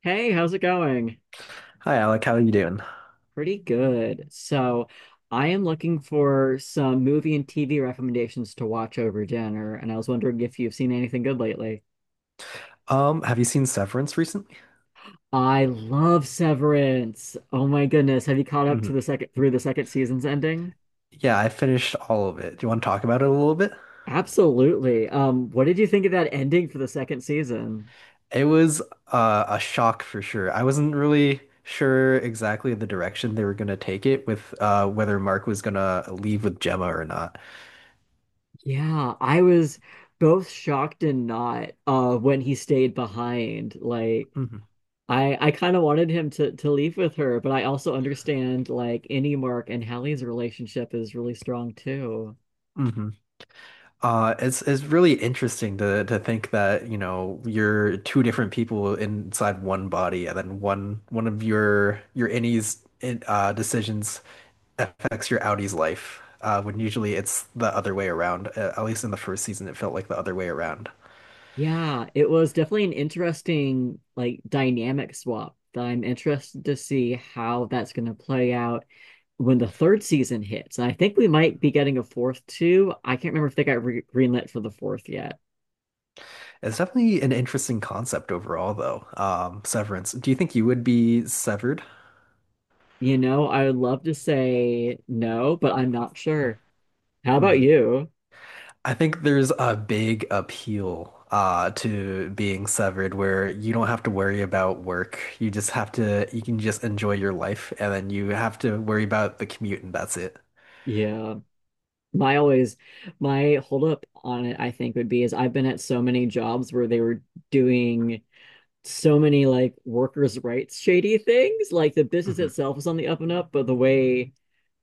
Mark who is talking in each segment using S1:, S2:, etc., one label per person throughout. S1: Hey, how's it going?
S2: Hi Alec, how are you doing?
S1: Pretty good. I am looking for some movie and TV recommendations to watch over dinner, and I was wondering if you've seen anything good lately.
S2: Have you seen Severance recently?
S1: I love Severance. Oh my goodness, have you caught up to the
S2: Mhm.
S1: second through the second season's ending?
S2: Yeah, I finished all of it. Do you want to talk about it a little bit?
S1: Absolutely. What did you think of that ending for the second season?
S2: It was a shock for sure. I wasn't really sure exactly the direction they were going to take it with whether Mark was going to leave with Gemma or not.
S1: Yeah, I was both shocked and not when he stayed behind. Like
S2: hmm
S1: I kind of wanted him to leave with her, but I also understand like any Mark and Hallie's relationship is really strong too.
S2: hmm it's really interesting to think that, you know, you're two different people inside one body, and then one of your innies decisions affects your Audie's life, when usually it's the other way around. At least in the first season, it felt like the other way around.
S1: Yeah, it was definitely an interesting like dynamic swap that I'm interested to see how that's going to play out when the third season hits. I think we might be getting a fourth too. I can't remember if they got re greenlit for the fourth yet.
S2: It's definitely an interesting concept overall, though. Severance. Do you think you would be severed?
S1: You know, I would love to say no, but I'm not sure. How about
S2: hmm
S1: you?
S2: I think there's a big appeal to being severed where you don't have to worry about work. You just have to, you can just enjoy your life, and then you have to worry about the commute, and that's it.
S1: Yeah. My always, my hold up on it, I think, would be is I've been at so many jobs where they were doing so many like workers' rights shady things. Like the business
S2: hmm
S1: itself was on the up and up, but the way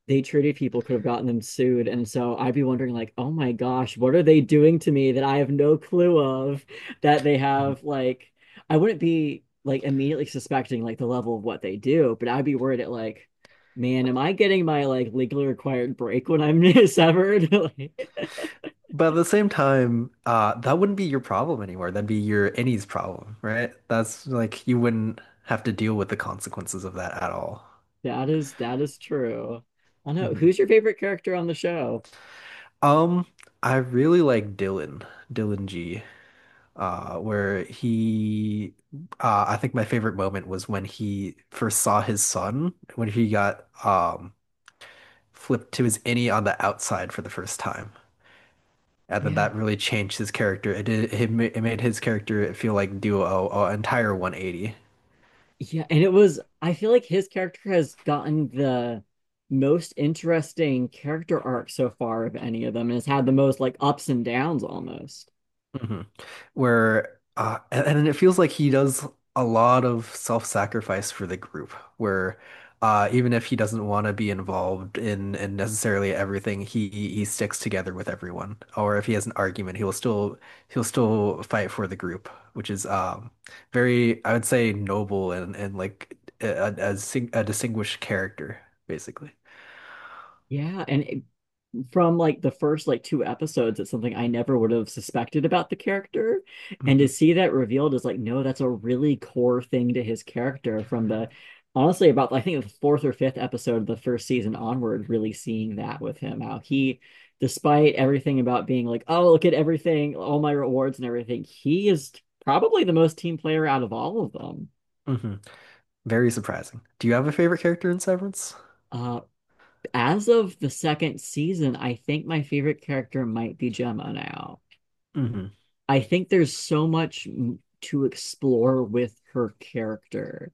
S1: they treated people could have gotten them sued. And so I'd be wondering, like, oh my gosh, what are they doing to me that I have no clue of that they have like I wouldn't be like immediately suspecting like the level of what they do, but I'd be worried at like, man, am I getting my like legally required break when I'm severed? Like,
S2: But at the same time, that wouldn't be your problem anymore. That'd be your any's problem, right? That's like you wouldn't have to deal with the consequences of that at all.
S1: that is true. I don't know.
S2: Mhm.
S1: Who's your favorite character on the show?
S2: Um, I really like Dylan, Dylan G, where he, I think my favorite moment was when he first saw his son, when he got flipped to his innie on the outside for the first time. And then
S1: Yeah.
S2: that really changed his character. It did, it made his character feel like do a entire 180.
S1: Yeah, and it was, I feel like his character has gotten the most interesting character arc so far of any of them and has had the most like ups and downs almost.
S2: hmm Where and it feels like he does a lot of self-sacrifice for the group, where even if he doesn't want to be involved in necessarily everything, he sticks together with everyone. Or if he has an argument, he'll still fight for the group, which is very, I would say, noble and like a, a distinguished character basically.
S1: Yeah, and it, from like the first like two episodes it's something I never would have suspected about the character and
S2: hmm
S1: to see that revealed is like no that's a really core thing to his character from the honestly about I think the fourth or fifth episode of the first season onward really seeing that with him how he despite everything about being like oh look at everything all my rewards and everything he is probably the most team player out of all of them.
S2: hmm Very surprising. Do you have a favorite character in Severance?
S1: uh as of the second season I think my favorite character might be Gemma now. I think there's so much to explore with her character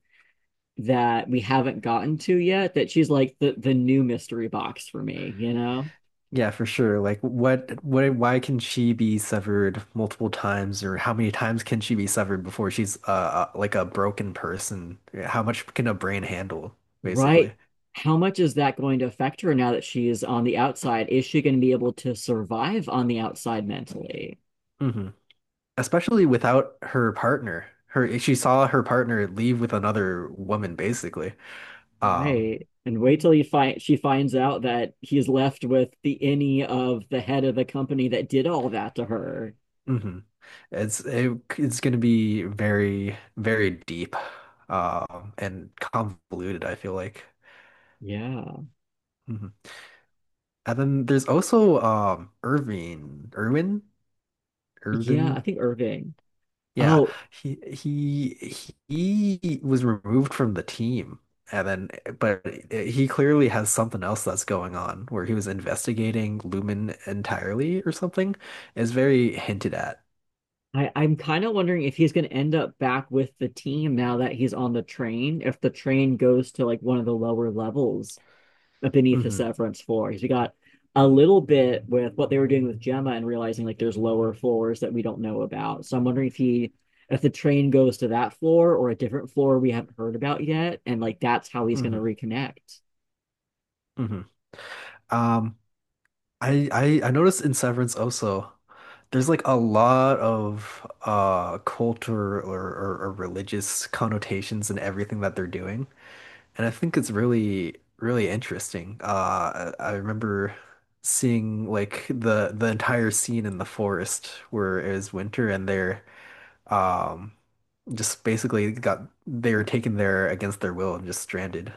S1: that we haven't gotten to yet that she's like the new mystery box for me, you know?
S2: Yeah, for sure. Like what why can she be severed multiple times, or how many times can she be severed before she's like a broken person? How much can a brain handle, basically?
S1: Right? How much is that going to affect her now that she is on the outside? Is she going to be able to survive on the outside mentally?
S2: hmm Especially without her partner. Her She saw her partner leave with another woman, basically. Um,
S1: Right. And wait till you find she finds out that he's left with the innie of the head of the company that did all that to her.
S2: hmm It's it, it's gonna be very, very deep, and convoluted, I feel like.
S1: Yeah.
S2: Mhm. And then there's also Irving, Irwin.
S1: Yeah, I
S2: Irvin.
S1: think Irving.
S2: Yeah,
S1: Oh,
S2: he he was removed from the team, and then but he clearly has something else that's going on where he was investigating Lumen entirely or something. Is very hinted at.
S1: I'm kind of wondering if he's going to end up back with the team now that he's on the train, if the train goes to like one of the lower levels beneath the
S2: hmm
S1: Severance floor. Because we got a little bit with what they were doing with Gemma and realizing like there's lower floors that we don't know about. So I'm wondering if the train goes to that floor or a different floor we haven't heard about yet. And like that's how he's going to
S2: hmm
S1: reconnect.
S2: hmm Um, I noticed in Severance also. There's like a lot of culture or religious connotations in everything that they're doing. And I think it's really, really interesting. I remember seeing like the entire scene in the forest where it was winter, and they're um just basically got they were taken there against their will and just stranded.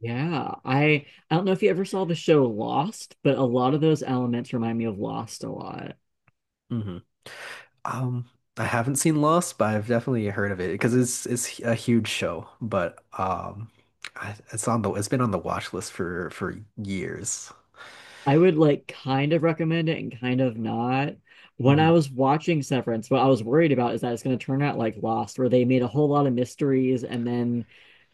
S1: Yeah. I don't know if you ever saw the show Lost, but a lot of those elements remind me of Lost a lot.
S2: hmm Um, I haven't seen Lost, but I've definitely heard of it because it's a huge show. But it's on the it's been on the watch list for years.
S1: I would like kind of recommend it and kind of not. When I
S2: hmm
S1: was watching Severance, what I was worried about is that it's going to turn out like Lost, where they made a whole lot of mysteries and then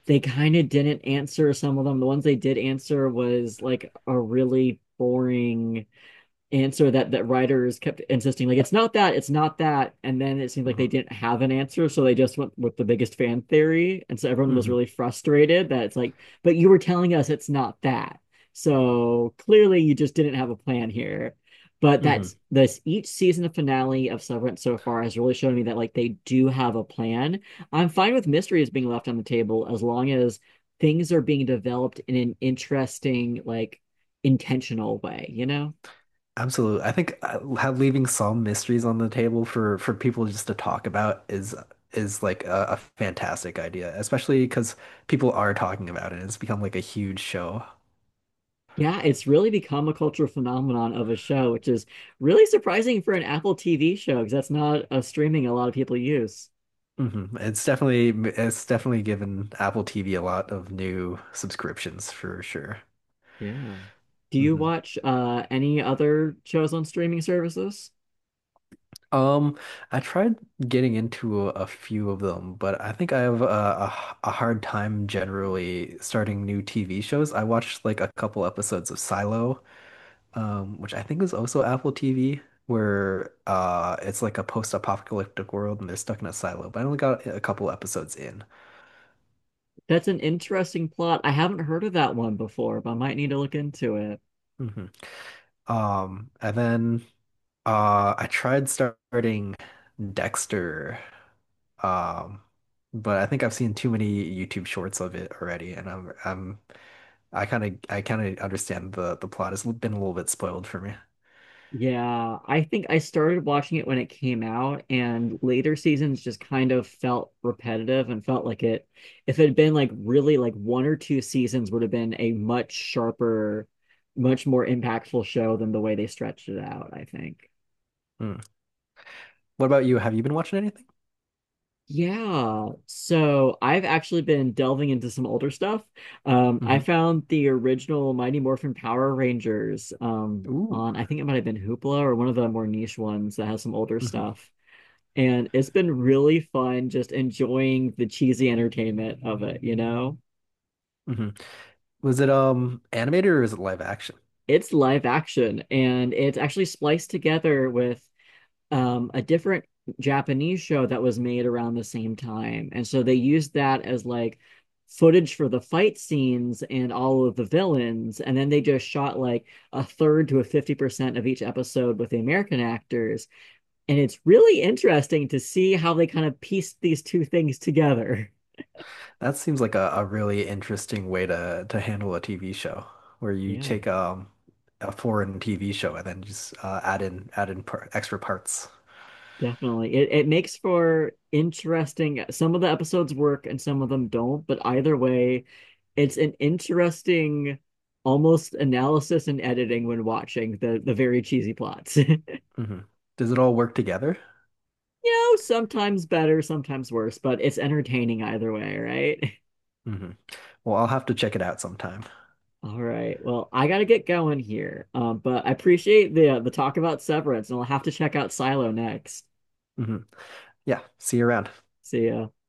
S1: they kind of didn't answer some of them. The ones they did answer was like a really boring answer that writers kept insisting like it's not that and then it seemed like they
S2: hmm
S1: didn't have an answer so they just went with the biggest fan theory and so everyone was
S2: hmm
S1: really frustrated that it's like but you were telling us it's not that so clearly you just didn't have a plan here but that's
S2: hmm
S1: this each season of finale of Severance so far has really shown me that like they do have a plan. I'm fine with mysteries being left on the table as long as things are being developed in an interesting like intentional way, you know.
S2: Absolutely. I think leaving some mysteries on the table for people just to talk about is like a fantastic idea, especially because people are talking about it. It's become like a huge show.
S1: Yeah, it's really become a cultural phenomenon of a show, which is really surprising for an Apple TV show because that's not a streaming a lot of people use.
S2: hmm It's definitely it's definitely given Apple TV a lot of new subscriptions for sure.
S1: Yeah. Do you
S2: hmm
S1: watch any other shows on streaming services?
S2: Um, I tried getting into a few of them, but I think I have a hard time generally starting new TV shows. I watched like a couple episodes of Silo which I think is also Apple TV, where it's like a post-apocalyptic world and they're stuck in a silo. But I only got a couple episodes in.
S1: That's an interesting plot. I haven't heard of that one before, but I might need to look into it.
S2: hmm and then I tried starting Dexter, um, but I think I've seen too many YouTube shorts of it already, and I kind of understand the plot has been a little bit spoiled for me.
S1: Yeah, I think I started watching it when it came out, and later seasons just kind of felt repetitive and felt like it, if it had been like really like one or two seasons, would have been a much sharper, much more impactful show than the way they stretched it out, I think.
S2: Mm. What about you? Have you been watching anything?
S1: Yeah, so I've actually been delving into some older stuff. I
S2: hmm
S1: found the original Mighty Morphin Power Rangers
S2: Ooh.
S1: on, I think it might have been Hoopla or one of the more niche ones that has some older
S2: hmm
S1: stuff. And it's been really fun just enjoying the cheesy entertainment of it, you know?
S2: hmm Was it animated, or is it live action?
S1: It's live action and it's actually spliced together with a different Japanese show that was made around the same time. And so they used that as like footage for the fight scenes and all of the villains. And then they just shot like a third to a 50% of each episode with the American actors. And it's really interesting to see how they kind of pieced these two things together.
S2: That seems like a really interesting way to handle a TV show where you
S1: Yeah.
S2: take a foreign TV show, and then just add in par extra parts.
S1: Definitely. It makes for interesting. Some of the episodes work and some of them don't, but either way, it's an interesting almost analysis and editing when watching the very cheesy plots.
S2: hmm Does it all work together?
S1: You know, sometimes better, sometimes worse, but it's entertaining either way, right?
S2: hmm Well, I'll have to check it out sometime.
S1: All right. Well, I gotta get going here. But I appreciate the talk about Severance, and I'll have to check out Silo next.
S2: hmm Yeah, see you around.
S1: See ya.